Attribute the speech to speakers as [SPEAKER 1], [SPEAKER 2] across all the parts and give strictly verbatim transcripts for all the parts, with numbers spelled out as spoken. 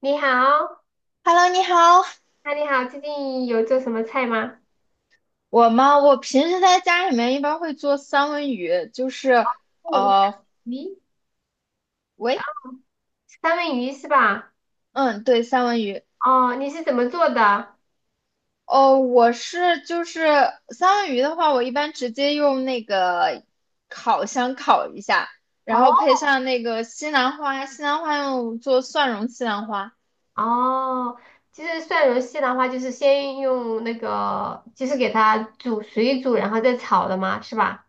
[SPEAKER 1] 你好，
[SPEAKER 2] Hello，你好。
[SPEAKER 1] 那你好，最近有做什么菜吗？
[SPEAKER 2] 我吗？我平时在家里面一般会做三文鱼，就是
[SPEAKER 1] 哦，
[SPEAKER 2] 呃，
[SPEAKER 1] 鱼，
[SPEAKER 2] 喂，
[SPEAKER 1] 三文鱼是吧？
[SPEAKER 2] 嗯，对，三文鱼。
[SPEAKER 1] 哦，你是怎么做的？
[SPEAKER 2] 哦，我是就是三文鱼的话，我一般直接用那个烤箱烤一下，
[SPEAKER 1] 哦
[SPEAKER 2] 然后配上那个西兰花，西兰花用做蒜蓉西兰花，
[SPEAKER 1] 哦，就是蒜蓉蟹的话，就是先用那个，就是给它煮水煮，然后再炒的吗？是吧？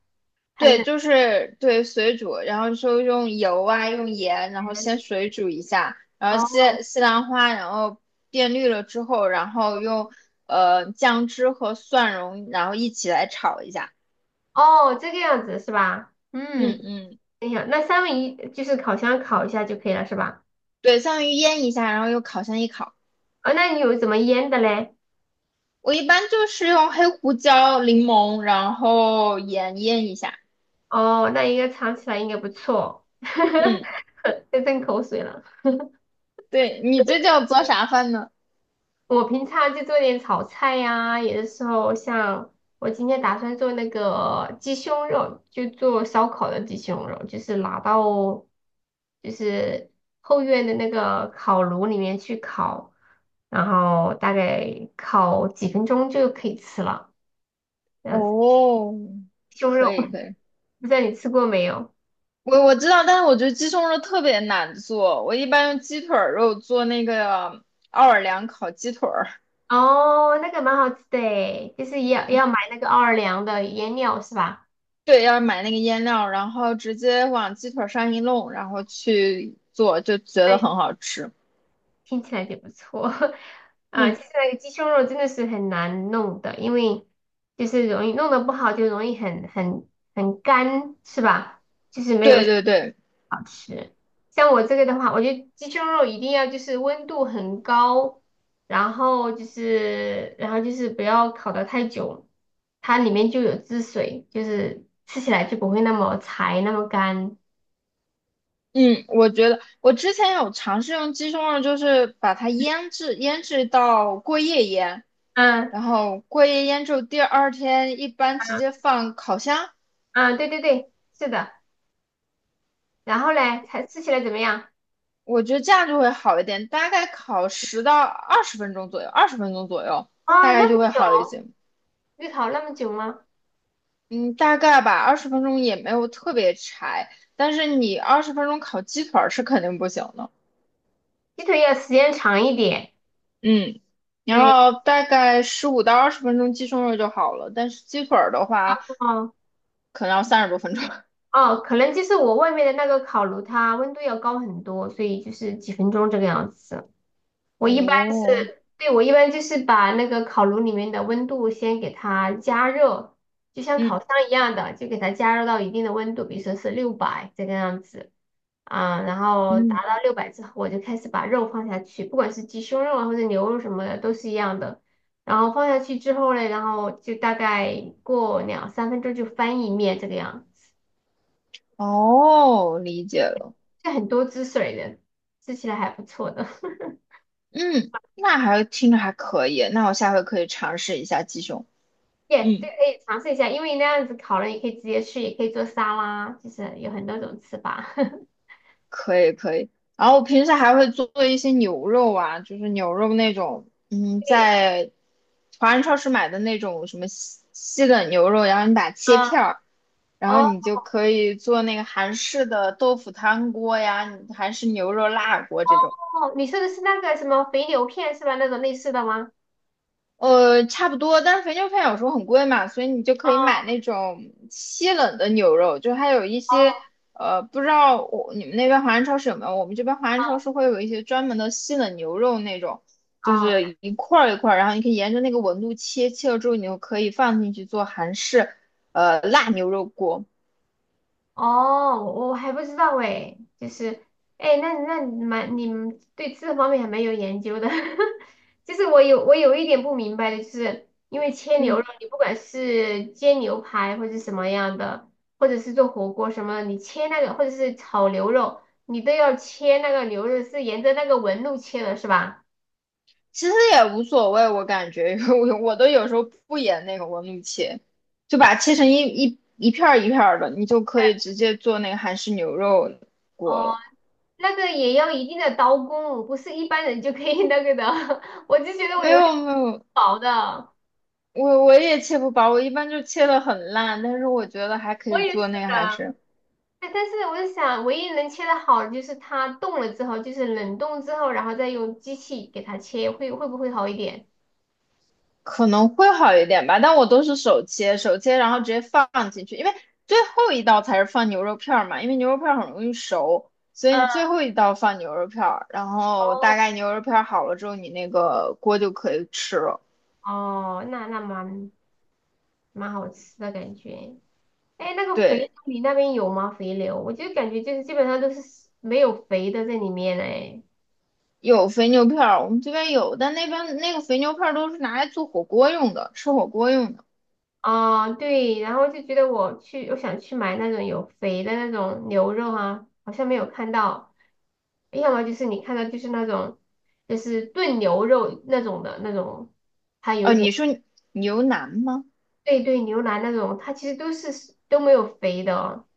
[SPEAKER 1] 还
[SPEAKER 2] 对，
[SPEAKER 1] 是
[SPEAKER 2] 就是对水煮，然后说用油啊，用盐，然后先水煮一下，然后西
[SPEAKER 1] 哦
[SPEAKER 2] 西兰花，然后变绿了之后，然后用呃酱汁和蒜蓉，然后一起来炒一下。
[SPEAKER 1] 哦这个样子是吧？
[SPEAKER 2] 嗯
[SPEAKER 1] 嗯，
[SPEAKER 2] 嗯，
[SPEAKER 1] 等一下，那三文鱼就是烤箱烤一下就可以了是吧？
[SPEAKER 2] 对，相当于腌一下，然后用烤箱一烤。
[SPEAKER 1] 哦，那你有怎么腌的嘞？
[SPEAKER 2] 我一般就是用黑胡椒、柠檬，然后盐腌一下。
[SPEAKER 1] 哦，那应该尝起来应该不错，
[SPEAKER 2] 嗯，
[SPEAKER 1] 在吞口水了。
[SPEAKER 2] 对，你最近有做啥饭呢？
[SPEAKER 1] 我平常就做点炒菜呀、有的时候像我今天打算做那个鸡胸肉，就做烧烤的鸡胸肉，就是拿到就是后院的那个烤炉里面去烤，然后大概烤几分钟就可以吃了。这样子，
[SPEAKER 2] 哦，
[SPEAKER 1] 鸡胸
[SPEAKER 2] 可
[SPEAKER 1] 肉，
[SPEAKER 2] 以可以。
[SPEAKER 1] 不知道你吃过没有？
[SPEAKER 2] 我我知道，但是我觉得鸡胸肉特别难做。我一般用鸡腿儿肉做那个奥尔良烤鸡腿儿，
[SPEAKER 1] 哦，那个蛮好吃的诶就是要
[SPEAKER 2] 嗯，
[SPEAKER 1] 要买那个奥尔良的腌料是吧？
[SPEAKER 2] 对，要买那个腌料，然后直接往鸡腿儿上一弄，然后去做，就觉得很好吃。
[SPEAKER 1] 听起来就不错 啊。
[SPEAKER 2] 嗯，
[SPEAKER 1] 其实那个鸡胸肉真的是很难弄的，因为就是容易弄得不好，就容易很很很干，是吧？就是没有
[SPEAKER 2] 对对对，
[SPEAKER 1] 好吃。像我这个的话，我觉得鸡胸肉一定要就是温度很高，然后就是然后就是不要烤得太久，它里面就有汁水，就是吃起来就不会那么柴那么干。
[SPEAKER 2] 嗯，我觉得我之前有尝试用鸡胸肉，就是把它腌制，腌制到过夜腌，
[SPEAKER 1] 嗯
[SPEAKER 2] 然后过夜腌之后第二天一般直
[SPEAKER 1] 嗯
[SPEAKER 2] 接放烤箱。
[SPEAKER 1] 嗯，对对对，是的。然后嘞，才吃起来怎么样？
[SPEAKER 2] 我觉得这样就会好一点，大概烤十到二十分钟左右，二十分钟左右，大
[SPEAKER 1] 啊，那
[SPEAKER 2] 概
[SPEAKER 1] 么
[SPEAKER 2] 就会好一
[SPEAKER 1] 久，
[SPEAKER 2] 些。
[SPEAKER 1] 预烤那么久吗？
[SPEAKER 2] 嗯，大概吧，二十分钟也没有特别柴，但是你二十分钟烤鸡腿儿是肯定不行的。
[SPEAKER 1] 鸡腿要时间长一点。
[SPEAKER 2] 嗯，然
[SPEAKER 1] 对，
[SPEAKER 2] 后大概十五到二十分钟鸡胸肉就好了，但是鸡腿儿的话，
[SPEAKER 1] 哦
[SPEAKER 2] 可能要三十多分钟。
[SPEAKER 1] 哦，可能就是我外面的那个烤炉，它温度要高很多，所以就是几分钟这个样子。我一般
[SPEAKER 2] 哦，
[SPEAKER 1] 是，对，我一般就是把那个烤炉里面的温度先给它加热，就像
[SPEAKER 2] 嗯，
[SPEAKER 1] 烤箱一样的，就给它加热到一定的温度，比如说是六百这个样子啊，然后达
[SPEAKER 2] 嗯，
[SPEAKER 1] 到六百之后，我就开始把肉放下去，不管是鸡胸肉啊或者牛肉什么的都是一样的。然后放下去之后呢，然后就大概过两三分钟就翻一面这个样子，
[SPEAKER 2] 哦，理解了。
[SPEAKER 1] 就很多汁水的，吃起来还不错的。
[SPEAKER 2] 嗯，那还听着还可以，那我下回可以尝试一下鸡胸。
[SPEAKER 1] 也对，
[SPEAKER 2] 嗯。
[SPEAKER 1] 可以尝试一下，因为那样子烤了，也可以直接吃，也可以做沙拉，就是有很多种吃法。
[SPEAKER 2] 可以可以。然后我平时还会做一些牛肉啊，就是牛肉那种，嗯，
[SPEAKER 1] 对，
[SPEAKER 2] 在华人超市买的那种什么西西冷牛肉，然后你把它切
[SPEAKER 1] 啊，
[SPEAKER 2] 片儿，然后
[SPEAKER 1] 哦
[SPEAKER 2] 你就可以做那个韩式的豆腐汤锅呀，韩式牛肉辣锅这种。
[SPEAKER 1] 哦，你说的是那个什么肥牛片是吧？那种类似的吗？
[SPEAKER 2] 呃，差不多，但是肥牛饭有时候很贵嘛，所以你就可以买
[SPEAKER 1] 哦
[SPEAKER 2] 那种西冷的牛肉，就还有一些
[SPEAKER 1] 哦
[SPEAKER 2] 呃，不知道我你们那边华人超市有没有？我们这边华人超
[SPEAKER 1] 哦。
[SPEAKER 2] 市会有一些专门的西冷牛肉那种，就
[SPEAKER 1] 哦
[SPEAKER 2] 是一块儿一块儿，然后你可以沿着那个纹路切，切了之后你就可以放进去做韩式呃辣牛肉锅。
[SPEAKER 1] 哦，我我还不知道哎，就是，哎，那那你蛮你们对这方面还蛮有研究的，就是我有我有一点不明白的，就是因为切牛肉，
[SPEAKER 2] 嗯。
[SPEAKER 1] 你不管是煎牛排或者什么样的，或者是做火锅什么，你切那个或者是炒牛肉，你都要切那个牛肉是沿着那个纹路切的，是吧？
[SPEAKER 2] 其实也无所谓，我感觉，因为我我都有时候不演那个纹路切，就把它切成一一一片儿一片儿的，你就可以直接做那个韩式牛肉
[SPEAKER 1] 哦，
[SPEAKER 2] 锅了。
[SPEAKER 1] 那个也要一定的刀工，不是一般人就可以那个的，我就觉得我
[SPEAKER 2] 没
[SPEAKER 1] 永远
[SPEAKER 2] 有
[SPEAKER 1] 是
[SPEAKER 2] 没有，
[SPEAKER 1] 薄的。
[SPEAKER 2] 我我也切不薄，我一般就切的很烂，但是我觉得还可
[SPEAKER 1] 我
[SPEAKER 2] 以
[SPEAKER 1] 也是
[SPEAKER 2] 做那个韩
[SPEAKER 1] 的，
[SPEAKER 2] 式。
[SPEAKER 1] 对，但是我是想，唯一能切的好的就是它冻了之后，就是冷冻之后，然后再用机器给它切，会会不会好一点？
[SPEAKER 2] 可能会好一点吧，但我都是手切，手切然后直接放进去，因为最后一道才是放牛肉片儿嘛，因为牛肉片儿很容易熟，所以你
[SPEAKER 1] 嗯，
[SPEAKER 2] 最后一道放牛肉片儿，然后大
[SPEAKER 1] 哦，
[SPEAKER 2] 概牛肉片儿好了之后，你那个锅就可以吃了。
[SPEAKER 1] 哦，那那蛮蛮好吃的感觉。哎，那个肥牛
[SPEAKER 2] 对，
[SPEAKER 1] 你那边有吗？肥牛，我就感觉就是基本上都是没有肥的在里面哎。
[SPEAKER 2] 有肥牛片儿，我们这边有，但那边那个肥牛片儿都是拿来做火锅用的，吃火锅用的。
[SPEAKER 1] 啊，对，然后就觉得我去，我想去买那种有肥的那种牛肉啊，好像没有看到，要么就是你看到就是那种就是炖牛肉那种的那种，它有
[SPEAKER 2] 哦，
[SPEAKER 1] 一
[SPEAKER 2] 你
[SPEAKER 1] 点，
[SPEAKER 2] 说牛腩吗？
[SPEAKER 1] 对对，牛腩那种，它其实都是都没有肥的哦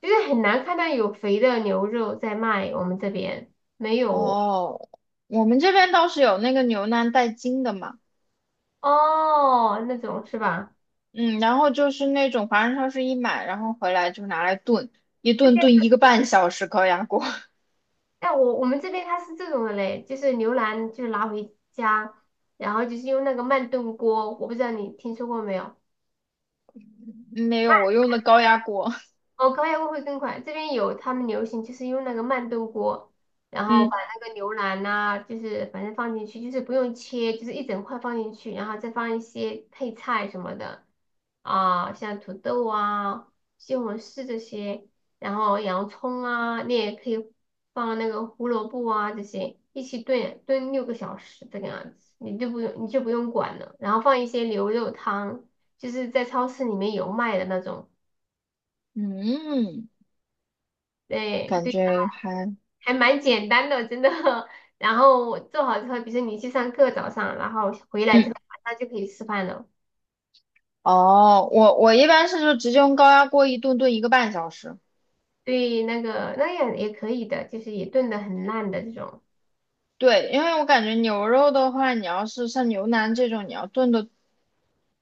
[SPEAKER 1] 就是很难看到有肥的牛肉在卖，我们这边没有
[SPEAKER 2] 哦，我们这边倒是有那个牛腩带筋的嘛。
[SPEAKER 1] 哦，那种是吧？
[SPEAKER 2] 嗯，然后就是那种华人超市一买，然后回来就拿来炖，一炖炖一个半小时高压锅。
[SPEAKER 1] 哎，我我们这边它是这种的嘞，就是牛腩就拿回家，然后就是用那个慢炖锅，我不知道你听说过没有？
[SPEAKER 2] 没有，我用的高压锅。
[SPEAKER 1] 哦，高压锅会更快。这边有他们流行就是用那个慢炖锅，然后
[SPEAKER 2] 嗯
[SPEAKER 1] 把那个牛腩呐、就是反正放进去，就是不用切，就是一整块放进去，然后再放一些配菜什么的啊，像土豆啊、西红柿这些，然后洋葱啊，你也可以放那个胡萝卜啊这些一起炖炖六个小时这个样子，你就不用你就不用管了，然后放一些牛肉汤，就是在超市里面有卖的那种。
[SPEAKER 2] 嗯，
[SPEAKER 1] 对
[SPEAKER 2] 感
[SPEAKER 1] 对，
[SPEAKER 2] 觉还
[SPEAKER 1] 还蛮简单的，真的。然后做好之后，比如说你去上课早上，然后回来之后
[SPEAKER 2] 嗯
[SPEAKER 1] 晚上就可以吃饭了。
[SPEAKER 2] 哦，我我一般是就直接用高压锅一炖炖一个半小时。
[SPEAKER 1] 对，那个那样也可以的，就是也炖的很烂的这种。
[SPEAKER 2] 对，因为我感觉牛肉的话，你要是像牛腩这种，你要炖的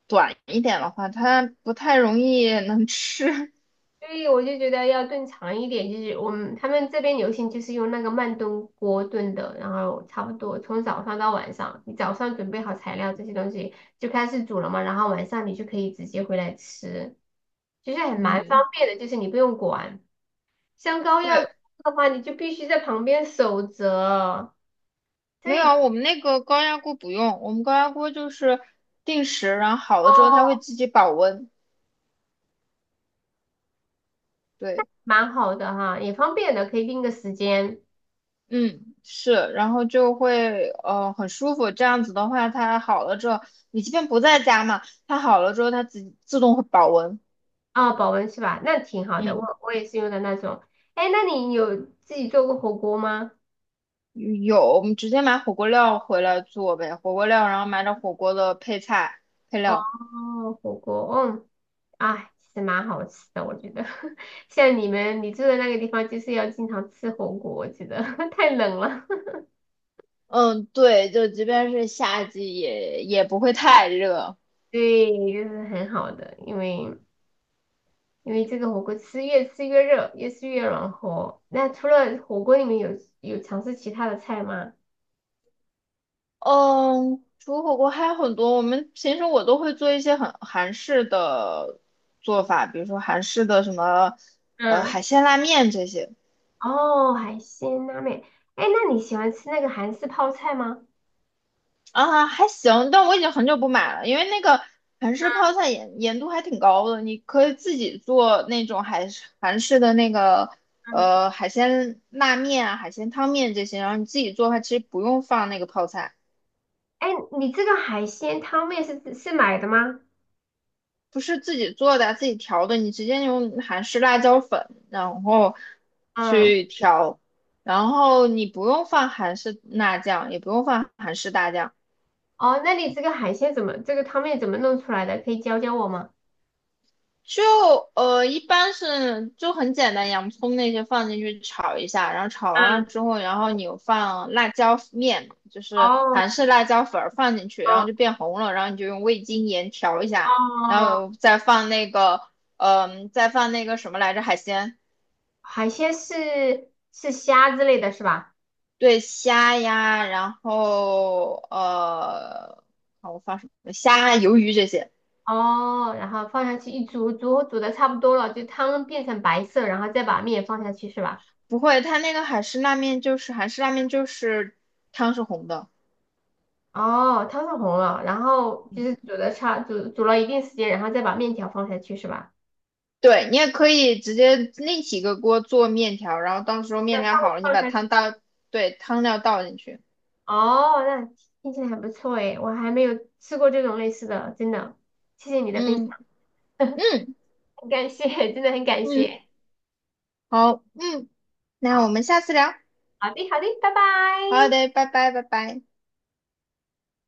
[SPEAKER 2] 短一点的话，它不太容易能吃。
[SPEAKER 1] 所以我就觉得要炖长一点，就是我们他们这边流行就是用那个慢炖锅炖的，然后差不多从早上到晚上，你早上准备好材料这些东西就开始煮了嘛，然后晚上你就可以直接回来吃，其实还蛮方
[SPEAKER 2] 嗯。
[SPEAKER 1] 便的，就是你不用管。像高压的
[SPEAKER 2] 对。
[SPEAKER 1] 话，你就必须在旁边守着，这
[SPEAKER 2] 没有
[SPEAKER 1] 一
[SPEAKER 2] 啊，
[SPEAKER 1] 点
[SPEAKER 2] 我们那个高压锅不用，我们高压锅就是定时，然后好
[SPEAKER 1] 哦，
[SPEAKER 2] 了之后它会自己保温。对，
[SPEAKER 1] 蛮好的哈，也方便的，可以定个时间
[SPEAKER 2] 嗯，是，然后就会呃很舒服。这样子的话，它好了之后，你即便不在家嘛，它好了之后它自自动会保温。
[SPEAKER 1] 啊，保温是吧？那挺好的，
[SPEAKER 2] 嗯，
[SPEAKER 1] 我我也是用的那种。哎，那你有自己做过火锅吗？
[SPEAKER 2] 有，我们直接买火锅料回来做呗，火锅料，然后买点火锅的配菜配
[SPEAKER 1] 哦，
[SPEAKER 2] 料。
[SPEAKER 1] 火锅，嗯，哎，其实蛮好吃的，我觉得。像你们你住的那个地方，就是要经常吃火锅，我觉得 太冷了。
[SPEAKER 2] 嗯，对，就即便是夏季也也不会太热。
[SPEAKER 1] 对，就是很好的，因为因为这个火锅吃越吃越热，越吃越暖和。那除了火锅，你们有有尝试其他的菜吗？
[SPEAKER 2] 嗯，除了火锅还有很多，我们平时我都会做一些很韩式的做法，比如说韩式的什么呃海
[SPEAKER 1] 嗯
[SPEAKER 2] 鲜拉面这些。
[SPEAKER 1] 哦，海鲜拉面。哎，那你喜欢吃那个韩式泡菜吗？
[SPEAKER 2] 啊，还行，但我已经很久不买了，因为那个韩式泡菜盐盐度还挺高的，你可以自己做那种海韩式的那个
[SPEAKER 1] 嗯
[SPEAKER 2] 呃海鲜拉面啊、海鲜汤面这些，然后你自己做的话，其实不用放那个泡菜。
[SPEAKER 1] 哎，你这个海鲜汤面是是买的吗？
[SPEAKER 2] 不是自己做的，自己调的，你直接用韩式辣椒粉，然后
[SPEAKER 1] 嗯
[SPEAKER 2] 去调，然后你不用放韩式辣酱，也不用放韩式大酱，
[SPEAKER 1] 哦，那你这个海鲜怎么，这个汤面怎么弄出来的？可以教教我吗？
[SPEAKER 2] 就呃一般是就很简单，洋葱那些放进去炒一下，然后炒完了
[SPEAKER 1] 嗯，
[SPEAKER 2] 之后，然后你有放辣椒面，就是
[SPEAKER 1] 哦
[SPEAKER 2] 韩式辣椒粉儿放进去，然后
[SPEAKER 1] 哦
[SPEAKER 2] 就变红了，然后你就用味精盐调一下，然
[SPEAKER 1] 哦，
[SPEAKER 2] 后再放那个嗯、再放那个什么来着海鲜。
[SPEAKER 1] 海鲜是是虾之类的是吧？
[SPEAKER 2] 对虾呀，然后呃，好，我放什么？虾、鱿鱼这些。
[SPEAKER 1] 哦，然后放下去一煮，煮煮的差不多了，就汤变成白色，然后再把面放下去是吧？
[SPEAKER 2] 不会，它那个海式拉面就是韩式拉面，就是汤是红的。
[SPEAKER 1] 哦，汤是红了，然后就
[SPEAKER 2] 嗯，
[SPEAKER 1] 是煮的差煮煮了一定时间，然后再把面条放下去是吧？
[SPEAKER 2] 对，你也可以直接另起一个锅做面条，然后到时候面
[SPEAKER 1] 再放
[SPEAKER 2] 条好了，你
[SPEAKER 1] 放
[SPEAKER 2] 把
[SPEAKER 1] 下去。
[SPEAKER 2] 汤倒，对，汤料倒进去。
[SPEAKER 1] 哦，那听起来还不错诶，我还没有吃过这种类似的，真的，谢谢你的分享，
[SPEAKER 2] 嗯 嗯
[SPEAKER 1] 很感谢，真的很感
[SPEAKER 2] 嗯，
[SPEAKER 1] 谢。
[SPEAKER 2] 好，嗯，那我
[SPEAKER 1] 好，
[SPEAKER 2] 们下次聊。
[SPEAKER 1] 好的，好的，拜
[SPEAKER 2] 好
[SPEAKER 1] 拜。
[SPEAKER 2] 的，拜拜，拜拜。